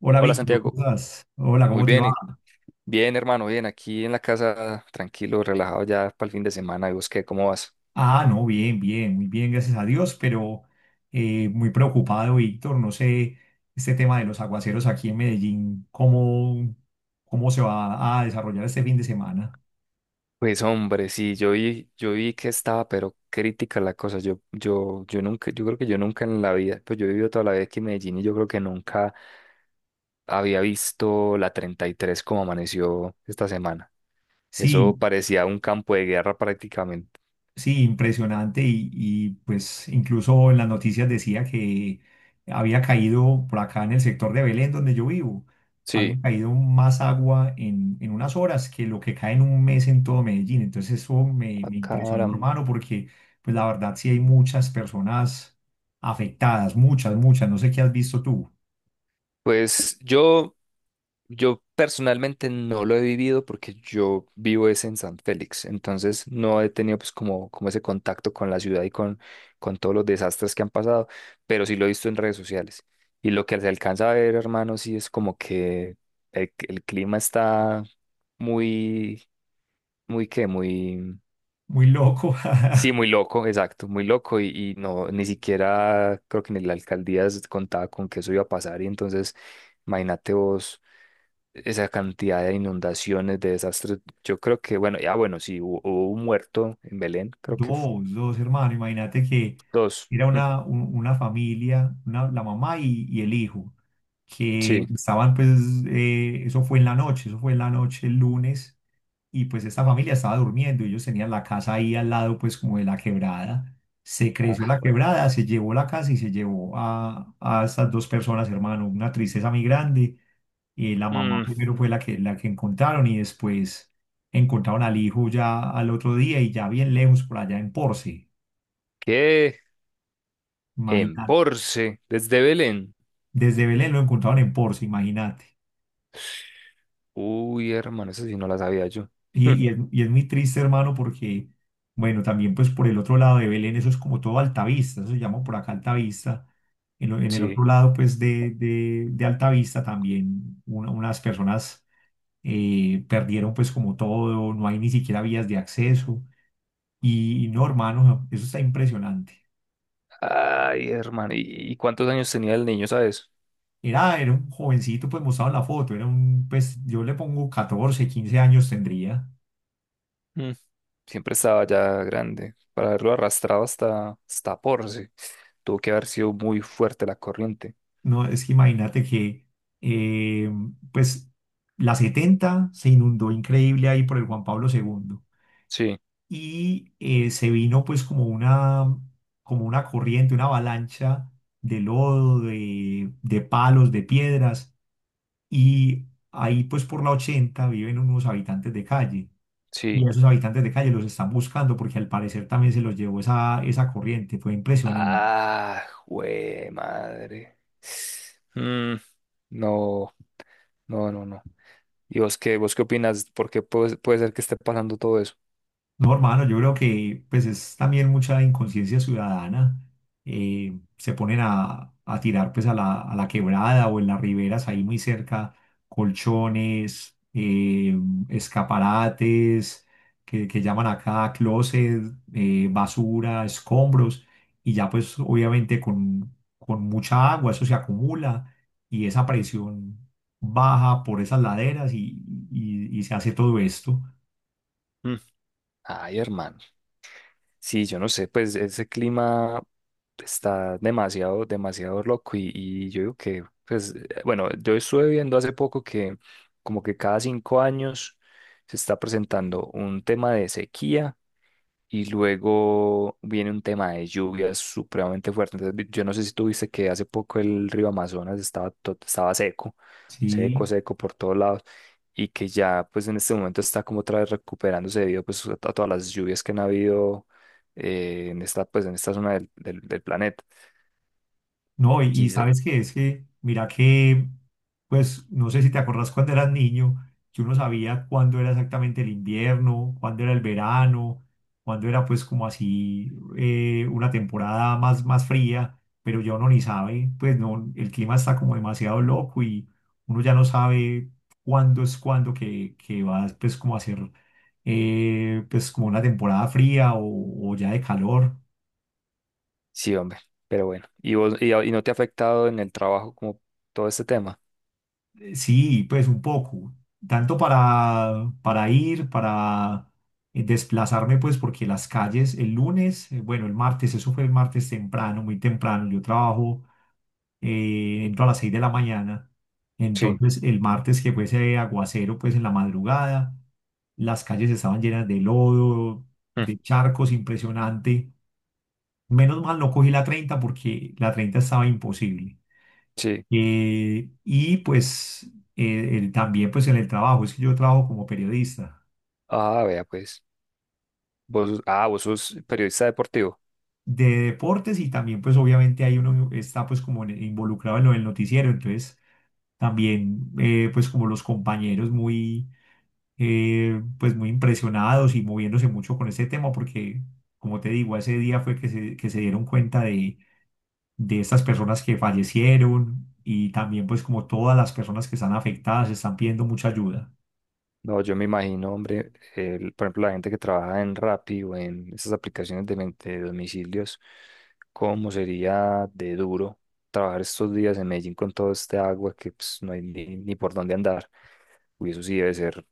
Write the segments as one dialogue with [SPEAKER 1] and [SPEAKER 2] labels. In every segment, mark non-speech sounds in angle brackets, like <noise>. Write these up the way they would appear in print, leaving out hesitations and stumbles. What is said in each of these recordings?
[SPEAKER 1] Hola
[SPEAKER 2] Hola
[SPEAKER 1] Víctor,
[SPEAKER 2] Santiago,
[SPEAKER 1] ¿cómo estás? Hola,
[SPEAKER 2] muy
[SPEAKER 1] ¿cómo te
[SPEAKER 2] bien,
[SPEAKER 1] va?
[SPEAKER 2] bien hermano, bien, aquí en la casa, tranquilo, relajado ya para el fin de semana, ¿y vos qué, cómo vas?
[SPEAKER 1] Ah, no, bien, bien, muy bien, gracias a Dios, pero muy preocupado, Víctor. No sé, este tema de los aguaceros aquí en Medellín, ¿cómo se va a desarrollar este fin de semana?
[SPEAKER 2] Pues hombre, sí, yo vi que estaba, pero crítica la cosa, yo nunca, yo creo que yo nunca en la vida, pues yo he vivido toda la vida aquí en Medellín y yo creo que nunca había visto la 33 como amaneció esta semana,
[SPEAKER 1] Sí.
[SPEAKER 2] eso parecía un campo de guerra prácticamente.
[SPEAKER 1] Sí, impresionante pues incluso en las noticias decía que había caído por acá en el sector de Belén donde yo vivo, había
[SPEAKER 2] Sí,
[SPEAKER 1] caído más agua en unas horas que lo que cae en un mes en todo Medellín. Entonces eso me,
[SPEAKER 2] a
[SPEAKER 1] me impresionó,
[SPEAKER 2] caram.
[SPEAKER 1] hermano, porque pues la verdad sí hay muchas personas afectadas, muchas, muchas, no sé qué has visto tú,
[SPEAKER 2] Pues yo... Yo personalmente no lo he vivido porque yo vivo es en San Félix, entonces no he tenido pues como, como ese contacto con la ciudad con todos los desastres que han pasado, pero sí lo he visto en redes sociales. Y lo que se alcanza a ver, hermano, sí es como que el clima está muy, muy,
[SPEAKER 1] muy loco.
[SPEAKER 2] sí,
[SPEAKER 1] <laughs>
[SPEAKER 2] muy loco, exacto, muy loco y no, ni siquiera creo que ni la alcaldía contaba con que eso iba a pasar y entonces... Imagínate vos esa cantidad de inundaciones, de desastres. Yo creo que, bueno, ya bueno, sí, hubo un muerto en Belén, creo que
[SPEAKER 1] Dos hermanos. Imagínate que
[SPEAKER 2] dos.
[SPEAKER 1] era
[SPEAKER 2] Mm,
[SPEAKER 1] una familia, la mamá y el hijo, que
[SPEAKER 2] sí.
[SPEAKER 1] estaban, pues, eso fue en la noche, eso fue en la noche el lunes, y pues esta familia estaba durmiendo, ellos tenían la casa ahí al lado, pues, como de la quebrada. Se
[SPEAKER 2] Ah,
[SPEAKER 1] creció la
[SPEAKER 2] bueno.
[SPEAKER 1] quebrada, se llevó la casa y se llevó a estas dos personas, hermano. Una tristeza muy grande. La mamá
[SPEAKER 2] Mm,
[SPEAKER 1] primero fue la que encontraron y después encontraron al hijo ya al otro día y ya bien lejos por allá en Porce,
[SPEAKER 2] ¿qué? En
[SPEAKER 1] imagínate.
[SPEAKER 2] Porce, desde Belén.
[SPEAKER 1] Desde Belén lo encontraron en Porce, imagínate.
[SPEAKER 2] Uy, hermano, esa sí no la sabía yo.
[SPEAKER 1] Y,
[SPEAKER 2] Mm,
[SPEAKER 1] y es, y es muy triste, hermano, porque, bueno, también pues por el otro lado de Belén, eso es como todo Altavista, eso se llama por acá Altavista. En el
[SPEAKER 2] sí.
[SPEAKER 1] otro lado pues de Altavista también unas personas perdieron pues como todo, no hay ni siquiera vías de acceso. Y no, hermano, eso está impresionante.
[SPEAKER 2] Ay, hermano, y cuántos años tenía el niño, sabes?
[SPEAKER 1] Era un jovencito, pues mostrado en la foto, pues yo le pongo 14 15 años tendría.
[SPEAKER 2] Mm, siempre estaba ya grande. Para haberlo arrastrado hasta, hasta Porce, tuvo que haber sido muy fuerte la corriente.
[SPEAKER 1] No, es que imagínate que, eh, pues la 70 se inundó increíble ahí por el Juan Pablo segundo
[SPEAKER 2] Sí,
[SPEAKER 1] y se vino pues como como una corriente, una avalancha de lodo, de palos, de piedras y ahí pues por la 80 viven unos habitantes de calle. Y
[SPEAKER 2] sí.
[SPEAKER 1] esos habitantes de calle los están buscando porque al parecer también se los llevó esa corriente. Fue impresionante.
[SPEAKER 2] Ah, güey, madre. Mm, no, no, no, no. ¿Y vos qué opinas? ¿Por qué puede, puede ser que esté pasando todo eso?
[SPEAKER 1] No, hermano, yo creo que pues es también mucha inconsciencia ciudadana. Se ponen a tirar pues a la quebrada o en las riberas ahí muy cerca colchones, escaparates que llaman acá closet, basura, escombros y ya pues obviamente con mucha agua eso se acumula y esa presión baja por esas laderas y se hace todo esto.
[SPEAKER 2] Mm. Ay, hermano. Sí, yo no sé, pues ese clima está demasiado, demasiado loco y yo digo que, pues, bueno, yo estuve viendo hace poco que como que cada 5 años se está presentando un tema de sequía y luego viene un tema de lluvias supremamente fuerte. Entonces, yo no sé si tuviste que hace poco el río Amazonas estaba, estaba seco, seco,
[SPEAKER 1] Sí.
[SPEAKER 2] seco por todos lados y que ya pues en este momento está como otra vez recuperándose debido pues a todas las lluvias que han habido en esta pues en esta zona del planeta.
[SPEAKER 1] No, y
[SPEAKER 2] Quizás,
[SPEAKER 1] sabes que es que, mira que, pues no sé si te acordás cuando eras niño, que uno sabía cuándo era exactamente el invierno, cuándo era el verano, cuándo era pues como así una temporada más fría, pero ya uno ni sabe, pues no, el clima está como demasiado loco y uno ya no sabe cuándo es cuándo que va pues como a ser pues como una temporada fría o ya de calor.
[SPEAKER 2] sí, hombre, pero bueno. ¿Y vos, y no te ha afectado en el trabajo como todo este tema?
[SPEAKER 1] Sí, pues un poco, tanto para ir, para desplazarme, pues porque las calles el lunes, bueno, el martes, eso fue el martes temprano, muy temprano, yo trabajo, entro a las 6 de la mañana,
[SPEAKER 2] Sí,
[SPEAKER 1] entonces el martes que fue ese aguacero, pues en la madrugada, las calles estaban llenas de lodo,
[SPEAKER 2] mm,
[SPEAKER 1] de charcos, impresionante. Menos mal no cogí la 30 porque la 30 estaba imposible.
[SPEAKER 2] sí.
[SPEAKER 1] Y pues también pues en el trabajo, es que yo trabajo como periodista
[SPEAKER 2] Ah, vea pues. Vos, ah, vos sos periodista deportivo.
[SPEAKER 1] de deportes y también pues obviamente ahí uno está pues como involucrado en lo del noticiero, entonces también pues como los compañeros muy pues muy impresionados y moviéndose mucho con este tema porque como te digo, ese día fue que se dieron cuenta de estas personas que fallecieron y también pues como todas las personas que están afectadas están pidiendo mucha ayuda.
[SPEAKER 2] No, yo me imagino, hombre, por ejemplo, la gente que trabaja en Rappi o en esas aplicaciones de, de domicilios, cómo sería de duro trabajar estos días en Medellín con todo este agua que pues, no hay ni, ni por dónde andar. Uy, eso sí debe ser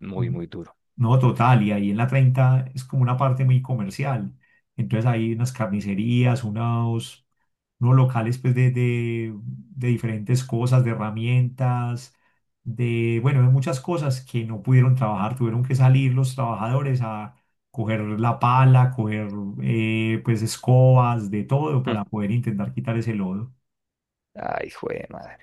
[SPEAKER 2] muy,
[SPEAKER 1] ¿No?
[SPEAKER 2] muy duro.
[SPEAKER 1] No, total, y ahí en la 30 es como una parte muy comercial. Entonces hay unas carnicerías, unos locales pues de diferentes cosas, de herramientas, bueno, de muchas cosas que no pudieron trabajar, tuvieron que salir los trabajadores a coger la pala, coger pues escobas, de todo
[SPEAKER 2] Mm.
[SPEAKER 1] para poder intentar quitar ese lodo
[SPEAKER 2] Ay, jue de madre.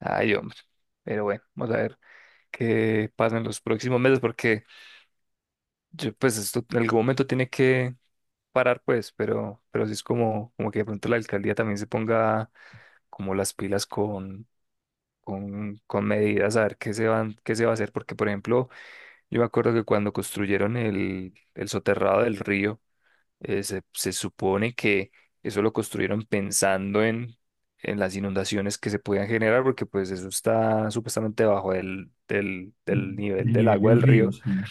[SPEAKER 2] Ay, hombre. Pero bueno, vamos a ver qué pasa en los próximos meses porque yo, pues esto en algún momento tiene que parar, pues, pero sí es como, como que de pronto la alcaldía también se ponga como las pilas con, con medidas, a ver qué se van, qué se va a hacer, porque por ejemplo, yo me acuerdo que cuando construyeron el soterrado del río, se, se supone que eso lo construyeron pensando en las inundaciones que se podían generar, porque pues eso está supuestamente bajo del nivel
[SPEAKER 1] del
[SPEAKER 2] del
[SPEAKER 1] nivel
[SPEAKER 2] agua
[SPEAKER 1] del
[SPEAKER 2] del
[SPEAKER 1] río,
[SPEAKER 2] río,
[SPEAKER 1] sí.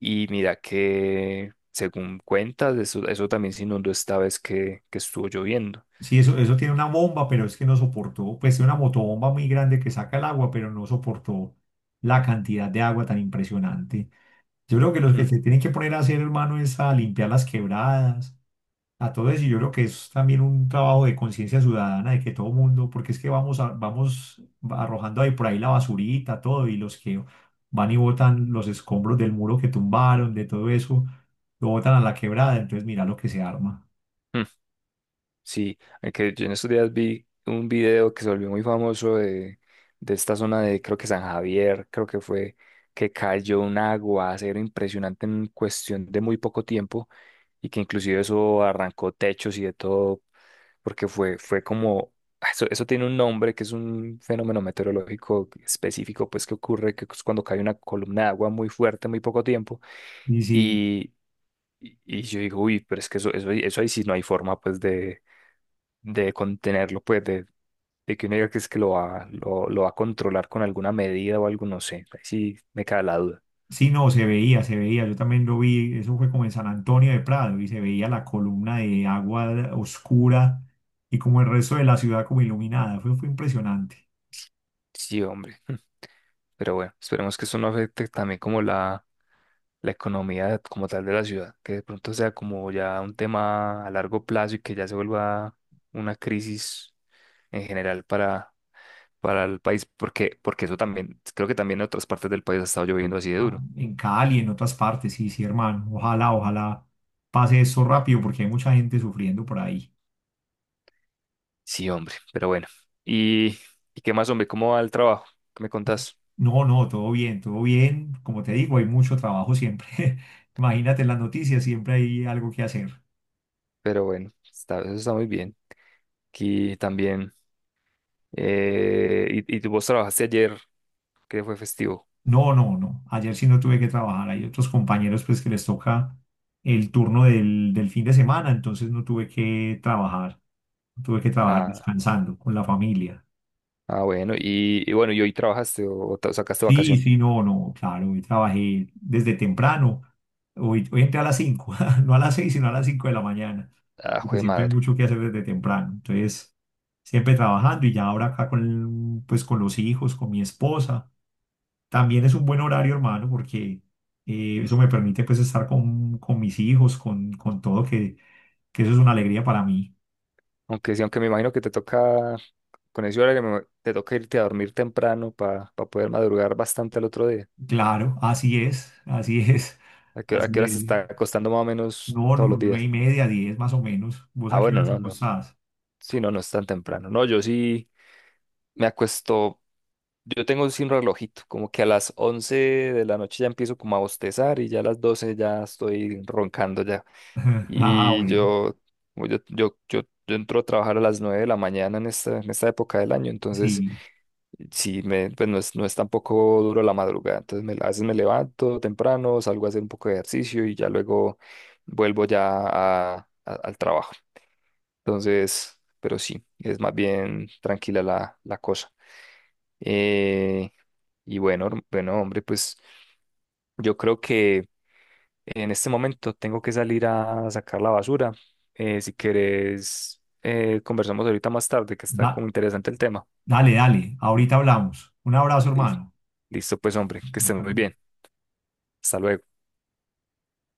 [SPEAKER 2] y mira que... Según cuentas, eso también se inundó esta vez que estuvo lloviendo.
[SPEAKER 1] Sí, eso tiene una bomba, pero es que no soportó, pues tiene una motobomba muy grande que saca el agua, pero no soportó la cantidad de agua tan impresionante. Yo creo que los que
[SPEAKER 2] Mm,
[SPEAKER 1] se tienen que poner a hacer, hermano, es a limpiar las quebradas, a todo eso. Y yo creo que es también un trabajo de conciencia ciudadana, de que todo mundo, porque es que vamos arrojando ahí por ahí la basurita, todo, y los que van y botan los escombros del muro que tumbaron, de todo eso, lo botan a la quebrada, entonces mira lo que se arma.
[SPEAKER 2] mm. Sí, aunque yo en estos días vi un video que se volvió muy famoso de esta zona de, creo que San Javier, creo que fue, que cayó un aguacero impresionante en cuestión de muy poco tiempo y que inclusive eso arrancó techos y de todo, porque fue, fue como, ah, eso tiene un nombre que es un fenómeno meteorológico específico, pues que ocurre que es cuando cae una columna de agua muy fuerte en muy poco tiempo
[SPEAKER 1] Y sí.
[SPEAKER 2] y, y yo digo, uy, pero es que eso, eso ahí sí no hay forma, pues, de contenerlo, pues, de que uno diga que es que lo va a controlar con alguna medida o algo, no sé. Ahí sí me cae la duda.
[SPEAKER 1] Sí, no, se veía. Yo también lo vi. Eso fue como en San Antonio de Prado y se veía la columna de agua oscura y como el resto de la ciudad como iluminada. Fue impresionante.
[SPEAKER 2] Sí, hombre. <laughs> Pero bueno, esperemos que eso no afecte también como la economía como tal de la ciudad, que de pronto sea como ya un tema a largo plazo y que ya se vuelva una crisis en general para el país, porque, porque eso también, creo que también en otras partes del país ha estado lloviendo así de
[SPEAKER 1] Ah,
[SPEAKER 2] duro.
[SPEAKER 1] en Cali, en otras partes, sí, sí, hermano. Ojalá, ojalá pase eso rápido porque hay mucha gente sufriendo por ahí.
[SPEAKER 2] Sí, hombre, pero bueno. ¿Y, y qué más, hombre? ¿Cómo va el trabajo? ¿Qué me contás?
[SPEAKER 1] No, no, todo bien, todo bien. Como te digo, hay mucho trabajo siempre. <laughs> Imagínate en las noticias, siempre hay algo que hacer.
[SPEAKER 2] Pero bueno, está, eso está muy bien. Aquí también. Y, y tú vos trabajaste ayer, que fue festivo.
[SPEAKER 1] No, no, no. Ayer sí no tuve que trabajar. Hay otros compañeros pues que les toca el turno del fin de semana, entonces no tuve que trabajar. No tuve que trabajar
[SPEAKER 2] Ah,
[SPEAKER 1] descansando con la familia.
[SPEAKER 2] ah bueno. Y bueno, ¿y hoy trabajaste o, sacaste
[SPEAKER 1] Sí,
[SPEAKER 2] vacación?
[SPEAKER 1] sí, no, no, claro. Hoy trabajé desde temprano. Hoy entré a las 5, <laughs> no a las 6, sino a las 5 de la mañana,
[SPEAKER 2] Ah, jue
[SPEAKER 1] porque
[SPEAKER 2] de
[SPEAKER 1] siempre hay
[SPEAKER 2] madre.
[SPEAKER 1] mucho que hacer desde temprano. Entonces, siempre trabajando y ya ahora acá pues, con los hijos, con mi esposa. También es un buen horario, hermano, porque eso me permite pues estar con mis hijos, con todo, que eso es una alegría para mí.
[SPEAKER 2] Aunque sí, aunque me imagino que te toca, con ese horario, te toca irte a dormir temprano para poder madrugar bastante al otro día.
[SPEAKER 1] Claro, así es, <laughs>
[SPEAKER 2] A qué
[SPEAKER 1] así
[SPEAKER 2] hora se
[SPEAKER 1] es.
[SPEAKER 2] está acostando más o menos
[SPEAKER 1] No,
[SPEAKER 2] todos
[SPEAKER 1] no,
[SPEAKER 2] los
[SPEAKER 1] nueve y
[SPEAKER 2] días?
[SPEAKER 1] media, 10 más o menos. ¿Vos a
[SPEAKER 2] Ah,
[SPEAKER 1] qué hora
[SPEAKER 2] bueno, no, no.
[SPEAKER 1] estás?
[SPEAKER 2] Sí, no, no es tan temprano. No, yo sí me acuesto. Yo tengo sin relojito, como que a las 11 de la noche ya empiezo como a bostezar y ya a las 12 ya estoy roncando ya.
[SPEAKER 1] <laughs> Ah,
[SPEAKER 2] Y
[SPEAKER 1] bueno,
[SPEAKER 2] yo, como yo entro a trabajar a las 9 de la mañana en esta época del año, entonces
[SPEAKER 1] sí.
[SPEAKER 2] sí, me, pues no es, no es tampoco duro la madrugada, entonces me, a veces me levanto temprano, salgo a hacer un poco de ejercicio y ya luego vuelvo ya al trabajo. Entonces, pero sí, es más bien tranquila la, la cosa. Eh, y bueno, bueno, hombre, pues yo creo que en este momento tengo que salir a sacar la basura. Si quieres, conversamos ahorita más tarde, que está
[SPEAKER 1] Da-
[SPEAKER 2] como interesante el tema.
[SPEAKER 1] dale, dale, ahorita hablamos. Un abrazo,
[SPEAKER 2] Listo,
[SPEAKER 1] hermano.
[SPEAKER 2] listo, pues hombre, que estén muy bien. Hasta luego.